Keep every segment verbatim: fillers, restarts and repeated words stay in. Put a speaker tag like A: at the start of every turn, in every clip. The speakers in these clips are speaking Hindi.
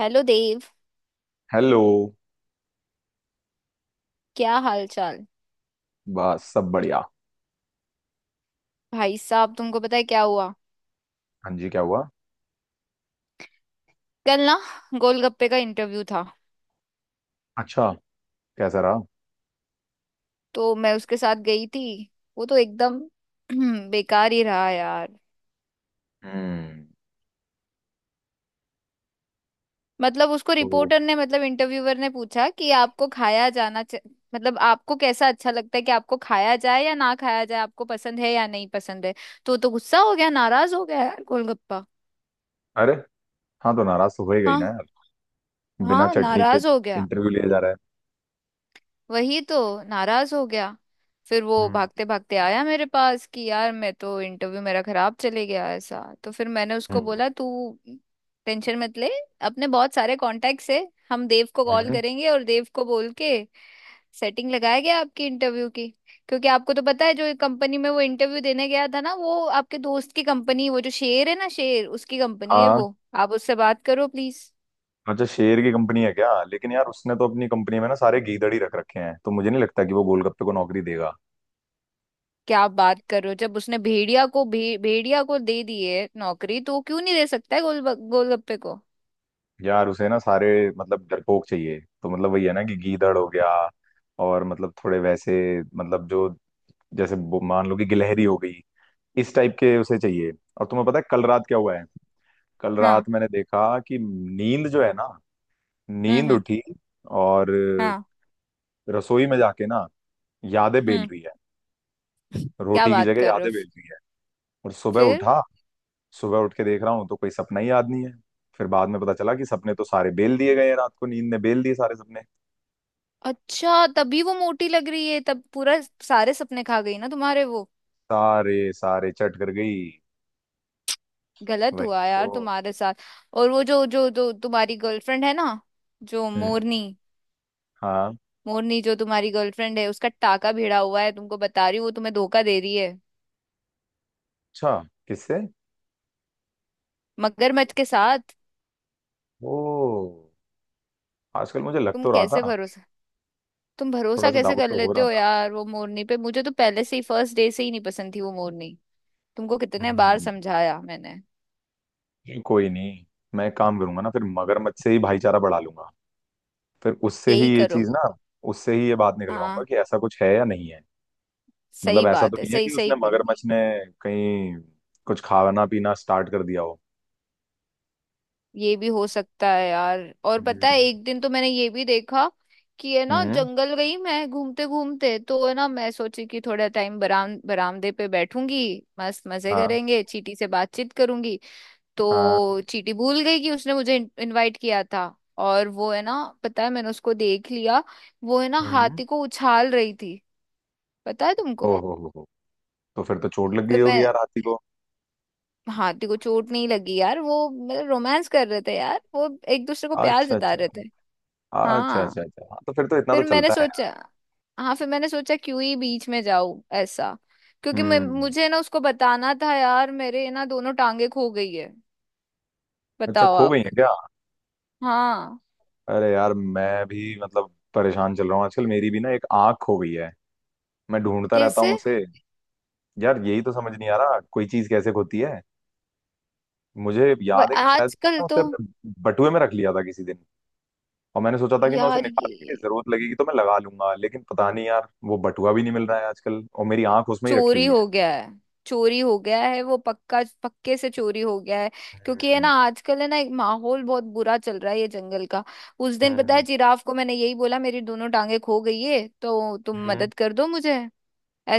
A: हेलो देव।
B: हेलो।
A: क्या हाल चाल।
B: बस सब बढ़िया।
A: भाई साहब, तुमको पता है क्या हुआ?
B: हाँ जी, क्या हुआ?
A: कल ना गोलगप्पे का इंटरव्यू था।
B: अच्छा। कैसा रहा?
A: तो मैं उसके साथ गई थी। वो तो एकदम बेकार ही रहा यार।
B: हम्म।
A: मतलब उसको
B: तो।
A: रिपोर्टर ने, मतलब इंटरव्यूअर ने पूछा कि आपको खाया जाना चा... मतलब आपको कैसा अच्छा लगता है कि आपको खाया जाए या ना खाया जाए, आपको पसंद है या नहीं पसंद है। तो वो तो गुस्सा हो गया, नाराज हो गया यार गोलगप्पा।
B: अरे। हाँ, तो नाराज तो होएगा ही ना
A: हाँ।
B: यार। बिना
A: हाँ,
B: चटनी के
A: नाराज हो गया।
B: इंटरव्यू लिए जा रहा है।
A: वही तो, नाराज हो गया। फिर वो
B: हम्म।
A: भागते भागते आया मेरे पास कि यार मैं तो इंटरव्यू मेरा खराब चले गया ऐसा। तो फिर मैंने उसको
B: हम्म।
A: बोला, तू टेंशन मत ले। अपने बहुत सारे कॉन्टेक्ट्स है। हम देव को कॉल
B: हम्म।
A: करेंगे और देव को बोल के सेटिंग लगाया गया आपकी इंटरव्यू की। क्योंकि आपको तो पता है जो कंपनी में वो इंटरव्यू देने गया था ना, वो आपके दोस्त की कंपनी, वो जो शेर है ना, शेर, उसकी कंपनी है
B: हाँ।
A: वो। आप उससे बात करो प्लीज।
B: अच्छा, शेर की कंपनी है क्या? लेकिन यार उसने तो अपनी कंपनी में ना सारे गीदड़ ही रख रखे हैं, तो मुझे नहीं लगता कि वो गोलगप्पे को नौकरी देगा।
A: क्या बात कर रहे हो, जब उसने भेड़िया को भे, भेड़िया को दे दी है नौकरी, तो वो क्यों नहीं दे सकता है गोल गोलगप्पे को?
B: यार उसे ना सारे मतलब डरपोक चाहिए, तो मतलब वही है ना, कि गीदड़ हो गया। और मतलब थोड़े वैसे, मतलब जो जैसे बो- मान लो कि गिलहरी हो गई। इस टाइप के उसे चाहिए। और तुम्हें पता है कल रात क्या हुआ है? कल
A: हाँ।
B: रात मैंने देखा कि नींद जो है ना,
A: हम्म
B: नींद
A: हम्म
B: उठी। और
A: हाँ।
B: रसोई में जाके ना, यादें बेल
A: हम्म।
B: रही है।
A: क्या
B: रोटी की
A: बात
B: जगह
A: कर रहे
B: यादें
A: हो?
B: बेल रही है। और सुबह
A: फिर?
B: उठा, सुबह उठ के देख रहा हूँ तो कोई सपना ही याद नहीं है। फिर बाद में पता चला कि सपने तो सारे बेल दिए गए हैं, रात को नींद ने बेल दिए सारे सपने।
A: अच्छा, तभी वो मोटी लग रही है, तब पूरा सारे सपने खा गई ना तुम्हारे वो।
B: सारे सारे चट कर गई।
A: गलत
B: वही
A: हुआ
B: तो।
A: यार तुम्हारे साथ। और वो जो जो जो तुम्हारी गर्लफ्रेंड है ना, जो
B: हम्म।
A: मोरनी।
B: हाँ।
A: मोरनी जो तुम्हारी गर्लफ्रेंड है उसका टाका भिड़ा हुआ है, तुमको बता रही हूँ। वो तुम्हें धोखा दे रही है।
B: अच्छा। किससे?
A: मगरमच्छ के साथ।
B: ओ। आजकल मुझे लग
A: तुम
B: तो रहा
A: कैसे
B: था।
A: भरोसा तुम
B: थोड़ा
A: भरोसा
B: सा
A: कैसे
B: डाउट
A: कर
B: तो हो
A: लेते
B: रहा
A: हो
B: था।
A: यार वो मोरनी पे? मुझे तो पहले से ही, फर्स्ट डे से ही नहीं पसंद थी वो मोरनी। तुमको कितने बार
B: हम्म।
A: समझाया मैंने।
B: कोई नहीं। मैं एक काम करूंगा ना, फिर मगरमच्छ से ही भाईचारा बढ़ा लूंगा। फिर उससे
A: यही
B: ही ये
A: करो।
B: चीज ना, उससे ही ये बात निकलवाऊंगा
A: हाँ।
B: कि ऐसा कुछ है या नहीं है। मतलब
A: सही
B: ऐसा तो
A: बात है,
B: नहीं है
A: सही
B: कि उसने,
A: सही करो।
B: मगरमच्छ ने कहीं कुछ खाना पीना स्टार्ट कर दिया हो।
A: ये भी हो सकता है यार। और पता है
B: हम्म।
A: एक दिन तो मैंने ये भी देखा कि है ना,
B: हम्म।
A: जंगल गई मैं घूमते घूमते, तो है ना मैं सोची कि थोड़ा टाइम बराम बरामदे पे बैठूंगी। मस्त मजे
B: हाँ।
A: करेंगे, चींटी से बातचीत करूंगी।
B: हाँ।
A: तो चीटी भूल गई कि उसने मुझे इनवाइट किया था। और वो है ना, पता है मैंने उसको देख लिया, वो है ना
B: हम्म।
A: हाथी को उछाल रही थी। पता है तुमको?
B: ओहो हो हो। तो फिर तो चोट लग
A: फिर
B: गई होगी
A: मैं,
B: यार हाथी को।
A: हाथी को चोट नहीं लगी यार। वो मतलब रोमांस कर रहे थे यार वो, एक दूसरे को प्यार
B: अच्छा,
A: जता
B: अच्छा,
A: रहे थे।
B: अच्छा,
A: हाँ।
B: अच्छा, अच्छा, हाँ, तो फिर तो इतना तो
A: फिर मैंने
B: चलता है।
A: सोचा, हाँ फिर मैंने सोचा क्यों ही बीच में जाऊं ऐसा। क्योंकि मैं
B: हम्म।
A: मुझे ना उसको बताना था यार, मेरे ना दोनों टांगे खो गई है।
B: अच्छा,
A: बताओ
B: खो
A: आप।
B: गई है क्या?
A: हाँ।
B: अरे यार मैं भी मतलब परेशान चल रहा हूँ आजकल, मेरी भी ना एक आंख खो गई है। मैं ढूंढता रहता
A: कैसे?
B: हूँ उसे। यार यही तो समझ नहीं आ रहा, कोई चीज कैसे होती है। मुझे
A: वो
B: याद है कि शायद
A: आजकल
B: ना,
A: तो,
B: उसे अपने बटुए में रख लिया था किसी दिन। और मैंने सोचा था कि मैं उसे
A: यार ये
B: निकाल के, जरूरत लगेगी तो मैं लगा लूंगा, लेकिन पता नहीं यार वो बटुआ भी नहीं मिल रहा है आजकल, और मेरी आंख उसमें ही रखी
A: चोरी
B: हुई
A: हो
B: है।
A: गया है। चोरी हो गया है वो, पक्का पक्के से चोरी हो गया है। क्योंकि है ना
B: हम्म।
A: आजकल है ना एक माहौल बहुत बुरा चल रहा है ये जंगल का। उस दिन पता है
B: हम्म।
A: जिराफ को मैंने यही बोला, मेरी दोनों टांगे खो गई है तो तुम
B: हम्म।
A: मदद कर दो मुझे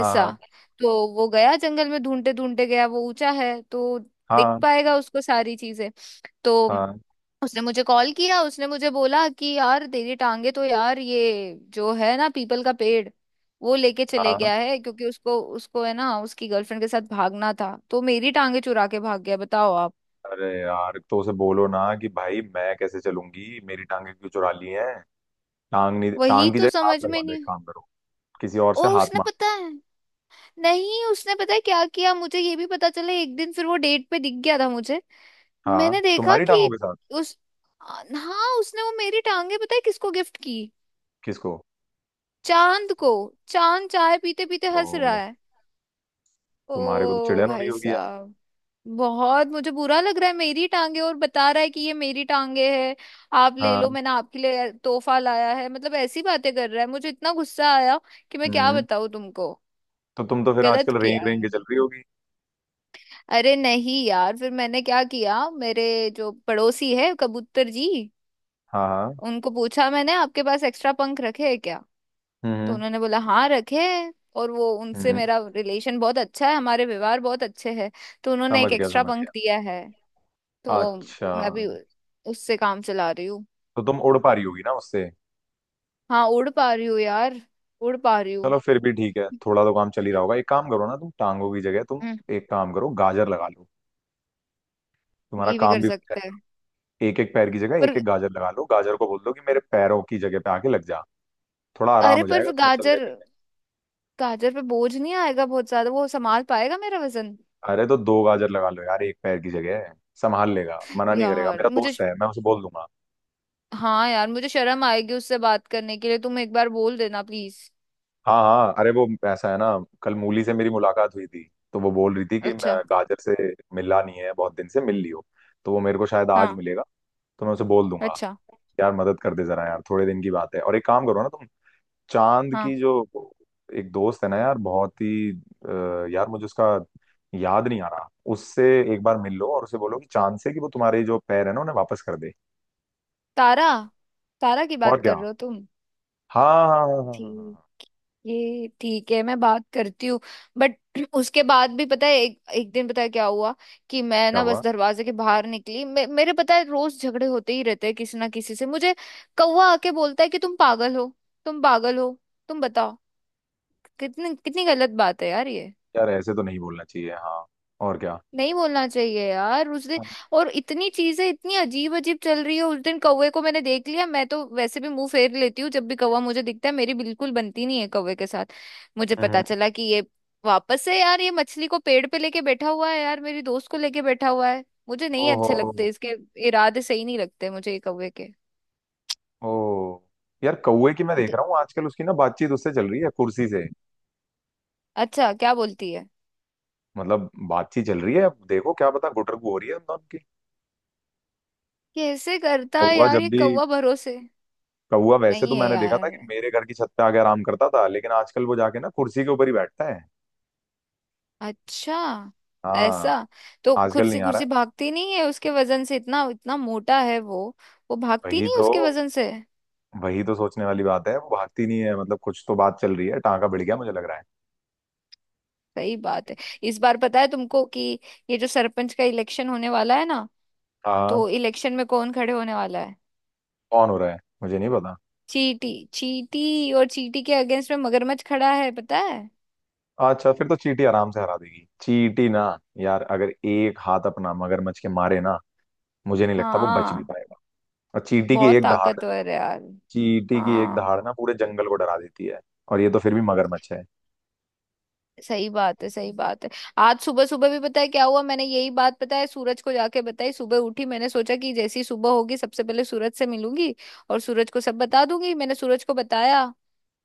A: ऐसा। तो वो गया, जंगल में ढूंढते ढूंढते गया। वो ऊंचा है तो दिख
B: हाँ।
A: पाएगा उसको सारी चीजें। तो
B: हाँ।
A: उसने मुझे कॉल किया, उसने मुझे बोला कि यार तेरी टांगे तो यार ये जो है ना पीपल का पेड़, वो लेके चले
B: हाँ।
A: गया है। क्योंकि उसको उसको है ना, उसकी गर्लफ्रेंड के साथ भागना था, तो मेरी टांगे चुरा के भाग गया। बताओ आप।
B: अरे यार तो उसे बोलो ना कि भाई, मैं कैसे चलूंगी, मेरी टांगे क्यों चुरा ली हैं। टांग नहीं,
A: वही
B: टांग की
A: तो
B: जगह हाथ
A: समझ
B: लगवा
A: में
B: लो, एक
A: नहीं।
B: काम करो। किसी और से
A: और
B: हाथ
A: उसने
B: मांग।
A: पता है, नहीं उसने पता है क्या किया, मुझे ये भी पता चला। एक दिन फिर वो डेट पे दिख गया था मुझे।
B: हाँ,
A: मैंने देखा
B: तुम्हारी
A: कि
B: टांगों के साथ?
A: उस आ, हाँ उसने वो मेरी टांगे पता है किसको गिफ्ट की?
B: किसको?
A: चांद को। चांद चाय पीते पीते हंस रहा
B: ओ।
A: है।
B: तुम्हारे को तो
A: ओ
B: चिड़न हो रही
A: भाई
B: होगी यार।
A: साहब। बहुत मुझे बुरा लग रहा है, मेरी टांगे और बता रहा है कि ये मेरी टांगे है, आप ले
B: हाँ।
A: लो, मैंने आपके लिए तोहफा लाया है, मतलब ऐसी बातें कर रहा है। मुझे इतना गुस्सा आया कि मैं क्या
B: हम्म।
A: बताऊं तुमको।
B: तो तुम तो फिर
A: गलत
B: आजकल
A: किया
B: रेंग रेंग के
A: है।
B: चल रही होगी।
A: अरे नहीं यार, फिर मैंने क्या किया, मेरे जो पड़ोसी है कबूतर जी,
B: हाँ। हाँ।
A: उनको पूछा मैंने, आपके पास एक्स्ट्रा पंख रखे हैं क्या? तो
B: हम्म।
A: उन्होंने बोला हाँ रखे हैं, और वो उनसे
B: हम्म।
A: मेरा रिलेशन बहुत अच्छा है, हमारे व्यवहार बहुत अच्छे हैं। तो उन्होंने
B: समझ
A: एक
B: गया,
A: एक्स्ट्रा
B: समझ गया।
A: पंख दिया है। तो
B: अच्छा।
A: मैं भी उससे काम चला रही हूँ।
B: तो तुम उड़ पा रही होगी ना उससे?
A: हाँ, उड़ पा रही हूँ यार, उड़ पा रही हूँ।
B: चलो फिर भी ठीक है, थोड़ा तो काम चल ही रहा होगा, एक काम करो ना तुम, टांगों की जगह तुम
A: हम्म।
B: एक काम करो, गाजर लगा लो। तुम्हारा
A: ये भी
B: काम
A: कर
B: भी हो
A: सकते हैं।
B: जाएगा। एक एक पैर की जगह
A: पर
B: एक एक गाजर लगा लो, गाजर को बोल दो कि मेरे पैरों की जगह पे आके लग जा। थोड़ा आराम
A: अरे
B: हो
A: पर
B: जाएगा
A: फिर
B: तुम्हें चलने
A: गाजर,
B: फिरने
A: गाजर पे बोझ नहीं आएगा बहुत ज्यादा? वो संभाल पाएगा मेरा वजन?
B: में। अरे तो दो गाजर लगा लो यार, एक पैर की जगह। संभाल लेगा, मना नहीं करेगा,
A: यार
B: मेरा
A: मुझे
B: दोस्त है, मैं उसे बोल दूंगा।
A: हाँ यार, मुझे शर्म आएगी उससे बात करने के लिए, तुम एक बार बोल देना प्लीज।
B: हाँ हाँ, अरे वो ऐसा है ना, कल मूली से मेरी मुलाकात हुई थी। तो वो बोल रही थी कि मैं
A: अच्छा।
B: गाजर से मिला नहीं है बहुत दिन से, मिल लियो। तो वो मेरे को शायद आज
A: हाँ।
B: मिलेगा। तो मैं उसे बोल दूंगा।
A: अच्छा।
B: यार मदद कर दे जरा, यार थोड़े दिन की बात है, और एक काम करो ना तुम। चांद
A: हाँ।
B: की जो एक दोस्त है ना यार, बहुत ही अ, यार मुझे उसका याद नहीं आ रहा। उससे एक बार मिल लो, और उसे बोलो, कि चांद से, कि वो तुम्हारे जो पैर है ना उन्हें वापस कर दे।
A: तारा। तारा की
B: और
A: बात
B: क्या?
A: कर रहे हो तुम?
B: हाँ, हाँ, हाँ, हाँ, हाँ, हाँ, हाँ।
A: ठीक,
B: हाँ,
A: ये ठीक है, मैं बात करती हूँ। बट उसके बाद भी पता है एक, एक दिन पता है क्या हुआ, कि मैं
B: क्या
A: ना
B: हुआ?
A: बस दरवाजे के बाहर निकली। मे, मेरे पता है रोज झगड़े होते ही रहते हैं किसी ना किसी से मुझे। कौवा आके बोलता है कि तुम पागल हो, तुम पागल हो। तुम बताओ, कितनी कितनी गलत बात है यार ये।
B: यार ऐसे तो नहीं बोलना चाहिए, हाँ। और क्या।
A: नहीं बोलना चाहिए यार। उस दिन और इतनी चीजें इतनी अजीब अजीब चल रही है। उस दिन कौवे को मैंने देख लिया, मैं तो वैसे भी मुंह फेर लेती हूँ जब भी कौवा मुझे दिखता है, मेरी बिल्कुल बनती नहीं है कौवे के साथ। मुझे
B: हम्म।
A: पता चला कि ये वापस से यार ये मछली को पेड़ पे लेके बैठा हुआ है, यार मेरी दोस्त को लेके बैठा हुआ है। मुझे नहीं अच्छे
B: ओहो।
A: लगते इसके, इरादे सही नहीं लगते मुझे ये कौवे के।
B: ओ। यार कौवे की, मैं देख
A: दे-
B: रहा हूँ आजकल उसकी ना बातचीत उससे चल रही है कुर्सी से।
A: अच्छा, क्या बोलती है?
B: मतलब बातचीत चल रही है, अब देखो क्या पता गुटरगू हो रही है उन दोनों की।
A: कैसे करता है
B: कौवा
A: यार
B: जब
A: ये
B: भी
A: कौवा? भरोसे
B: कौवा वैसे
A: नहीं
B: तो
A: है
B: मैंने देखा था
A: यार।
B: कि मेरे घर की छत पे आके आराम करता था, लेकिन आजकल वो जाके ना कुर्सी के ऊपर ही बैठता है।
A: अच्छा,
B: हाँ।
A: ऐसा? तो
B: आजकल
A: कुर्सी
B: नहीं आ रहा
A: कुर्सी
B: है।
A: भागती नहीं है उसके वजन से? इतना इतना मोटा है वो। वो भागती
B: वही
A: नहीं है
B: तो।
A: उसके वजन से।
B: वही तो सोचने वाली बात है, वो भागती नहीं है, मतलब कुछ तो बात चल रही है, टांका भिड़ गया मुझे लग रहा है।
A: सही बात है। इस बार पता है तुमको कि ये जो सरपंच का इलेक्शन होने वाला है ना,
B: हाँ।
A: तो इलेक्शन में कौन खड़े होने वाला है?
B: कौन हो रहा है, मुझे नहीं पता।
A: चींटी। चींटी और चींटी के अगेंस्ट में मगरमच्छ खड़ा है, पता है।
B: अच्छा, फिर तो चींटी आराम से हरा देगी, चींटी ना। यार अगर एक हाथ अपना मगरमच्छ के मारे ना, मुझे नहीं लगता वो बच भी
A: हाँ।
B: पाएगा। और चींटी की
A: बहुत
B: एक दहाड़
A: ताकतवर है यार।
B: चींटी की एक
A: हाँ।
B: दहाड़ ना पूरे जंगल को डरा देती है। और ये तो फिर भी मगरमच्छ है।
A: सही बात है, सही बात है। आज सुबह सुबह भी पता है क्या हुआ, मैंने यही बात पता है सूरज को जाके बताई। सुबह उठी, मैंने सोचा कि जैसी सुबह होगी सबसे पहले सूरज से मिलूंगी और सूरज को सब बता दूंगी। मैंने सूरज को बताया।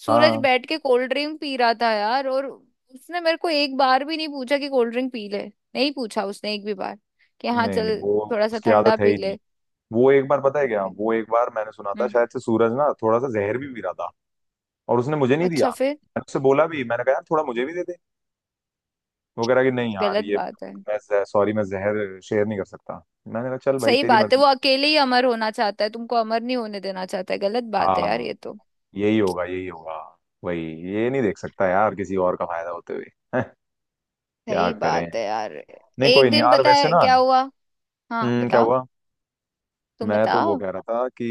A: सूरज
B: हाँ।
A: बैठ के कोल्ड ड्रिंक पी रहा था यार, और उसने मेरे को एक बार भी नहीं पूछा कि कोल्ड ड्रिंक पी ले। नहीं पूछा उसने एक भी बार कि हाँ
B: नहीं नहीं,
A: चल
B: वो
A: थोड़ा सा
B: उसकी
A: ठंडा
B: आदत है
A: पी
B: ही नहीं।
A: ले।
B: वो एक बार पता है क्या वो
A: हम्म।
B: एक बार मैंने सुना था शायद से, सूरज ना थोड़ा सा जहर भी पी रहा था। और उसने मुझे नहीं दिया,
A: अच्छा, फिर?
B: मैंने उससे बोला भी, मैंने कहा यार थोड़ा मुझे भी दे दे। वो कह रहा कि नहीं यार,
A: गलत
B: ये
A: बात है।
B: मैं सॉरी, मैं जहर शेयर नहीं कर सकता, मैंने कहा चल भाई
A: सही
B: तेरी
A: बात है,
B: मर्जी।
A: वो अकेले ही अमर होना चाहता है, तुमको अमर नहीं होने देना चाहता है। गलत बात है यार
B: हाँ।
A: ये तो।
B: यही होगा, यही होगा। वही। ये नहीं देख सकता यार किसी और का फायदा होते हुए। हैं, क्या
A: सही
B: करें।
A: बात है यार।
B: नहीं
A: एक
B: कोई नहीं
A: दिन
B: यार,
A: पता
B: वैसे
A: है
B: ना,
A: क्या हुआ। हाँ
B: हम्म, क्या
A: बताओ।
B: हुआ?
A: तुम
B: मैं तो वो
A: बताओ।
B: कह रहा था कि,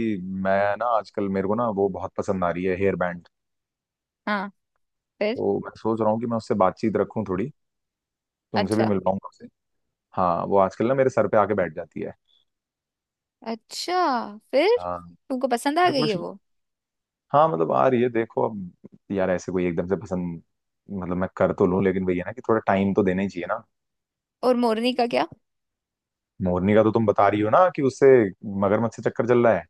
B: मैं ना आजकल मेरे को ना वो बहुत पसंद आ रही है हेयर बैंड।
A: हाँ। फिर?
B: तो मैं सोच रहा हूँ कि मैं उससे बातचीत रखूं थोड़ी। तुमसे भी
A: अच्छा।
B: मिल पाऊंगा उससे। हाँ, वो आजकल ना मेरे सर पे आके बैठ जाती है।
A: अच्छा, फिर
B: हाँ।
A: तुमको पसंद आ
B: फिर
A: गई है
B: कुछ।
A: वो?
B: हाँ मतलब, आ रही है देखो अब। यार ऐसे कोई एकदम से पसंद। मतलब मैं कर तो लूं, लेकिन भैया ना कि थोड़ा टाइम तो देना ही चाहिए ना।
A: और मोरनी का क्या?
B: मोरनी का तो तुम बता रही हो ना कि उससे, मगरमच्छ से चक्कर चल रहा है।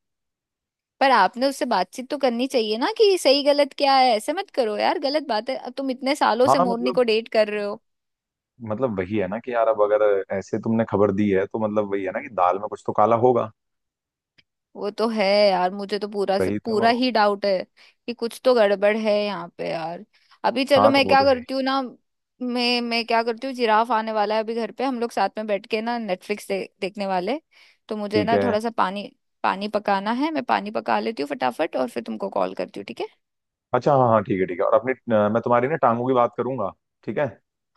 A: पर आपने उससे बातचीत तो करनी चाहिए ना कि सही गलत क्या है, ऐसे मत करो यार, गलत बात है। अब तुम इतने सालों से
B: हाँ
A: मोरनी
B: मतलब
A: को डेट कर रहे हो।
B: मतलब वही है ना कि यार, अब अगर ऐसे तुमने खबर दी है तो, मतलब वही है ना कि दाल में कुछ तो काला होगा।
A: वो तो है, यार मुझे तो पूरा से
B: वही तो।
A: पूरा ही डाउट है कि कुछ तो गड़बड़ है यहाँ पे यार। अभी चलो,
B: हाँ, तो
A: मैं
B: वो
A: क्या
B: तो है
A: करती
B: ही।
A: हूँ ना, मैं मैं क्या करती हूँ, जिराफ आने वाला है अभी घर पे, हम लोग साथ में बैठ के ना नेटफ्लिक्स दे, देखने वाले। तो मुझे
B: ठीक
A: ना
B: है।
A: थोड़ा सा पानी, पानी पकाना है, मैं पानी पका लेती हूँ फटाफट और फिर तुमको कॉल करती हूँ, ठीक है?
B: अच्छा, हाँ हाँ, ठीक है ठीक है, और अपनी अ, मैं तुम्हारी ना टांगों की बात करूंगा। ठीक है।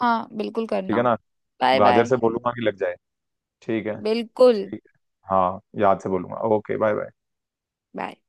A: हाँ, बिल्कुल
B: ठीक
A: करना।
B: है ना।
A: बाय
B: गाजर
A: बाय।
B: से बोलूंगा कि लग जाए। ठीक है।
A: बिल्कुल।
B: ठीक है। हाँ, याद से बोलूंगा, ओके, बाय बाय।
A: बाय।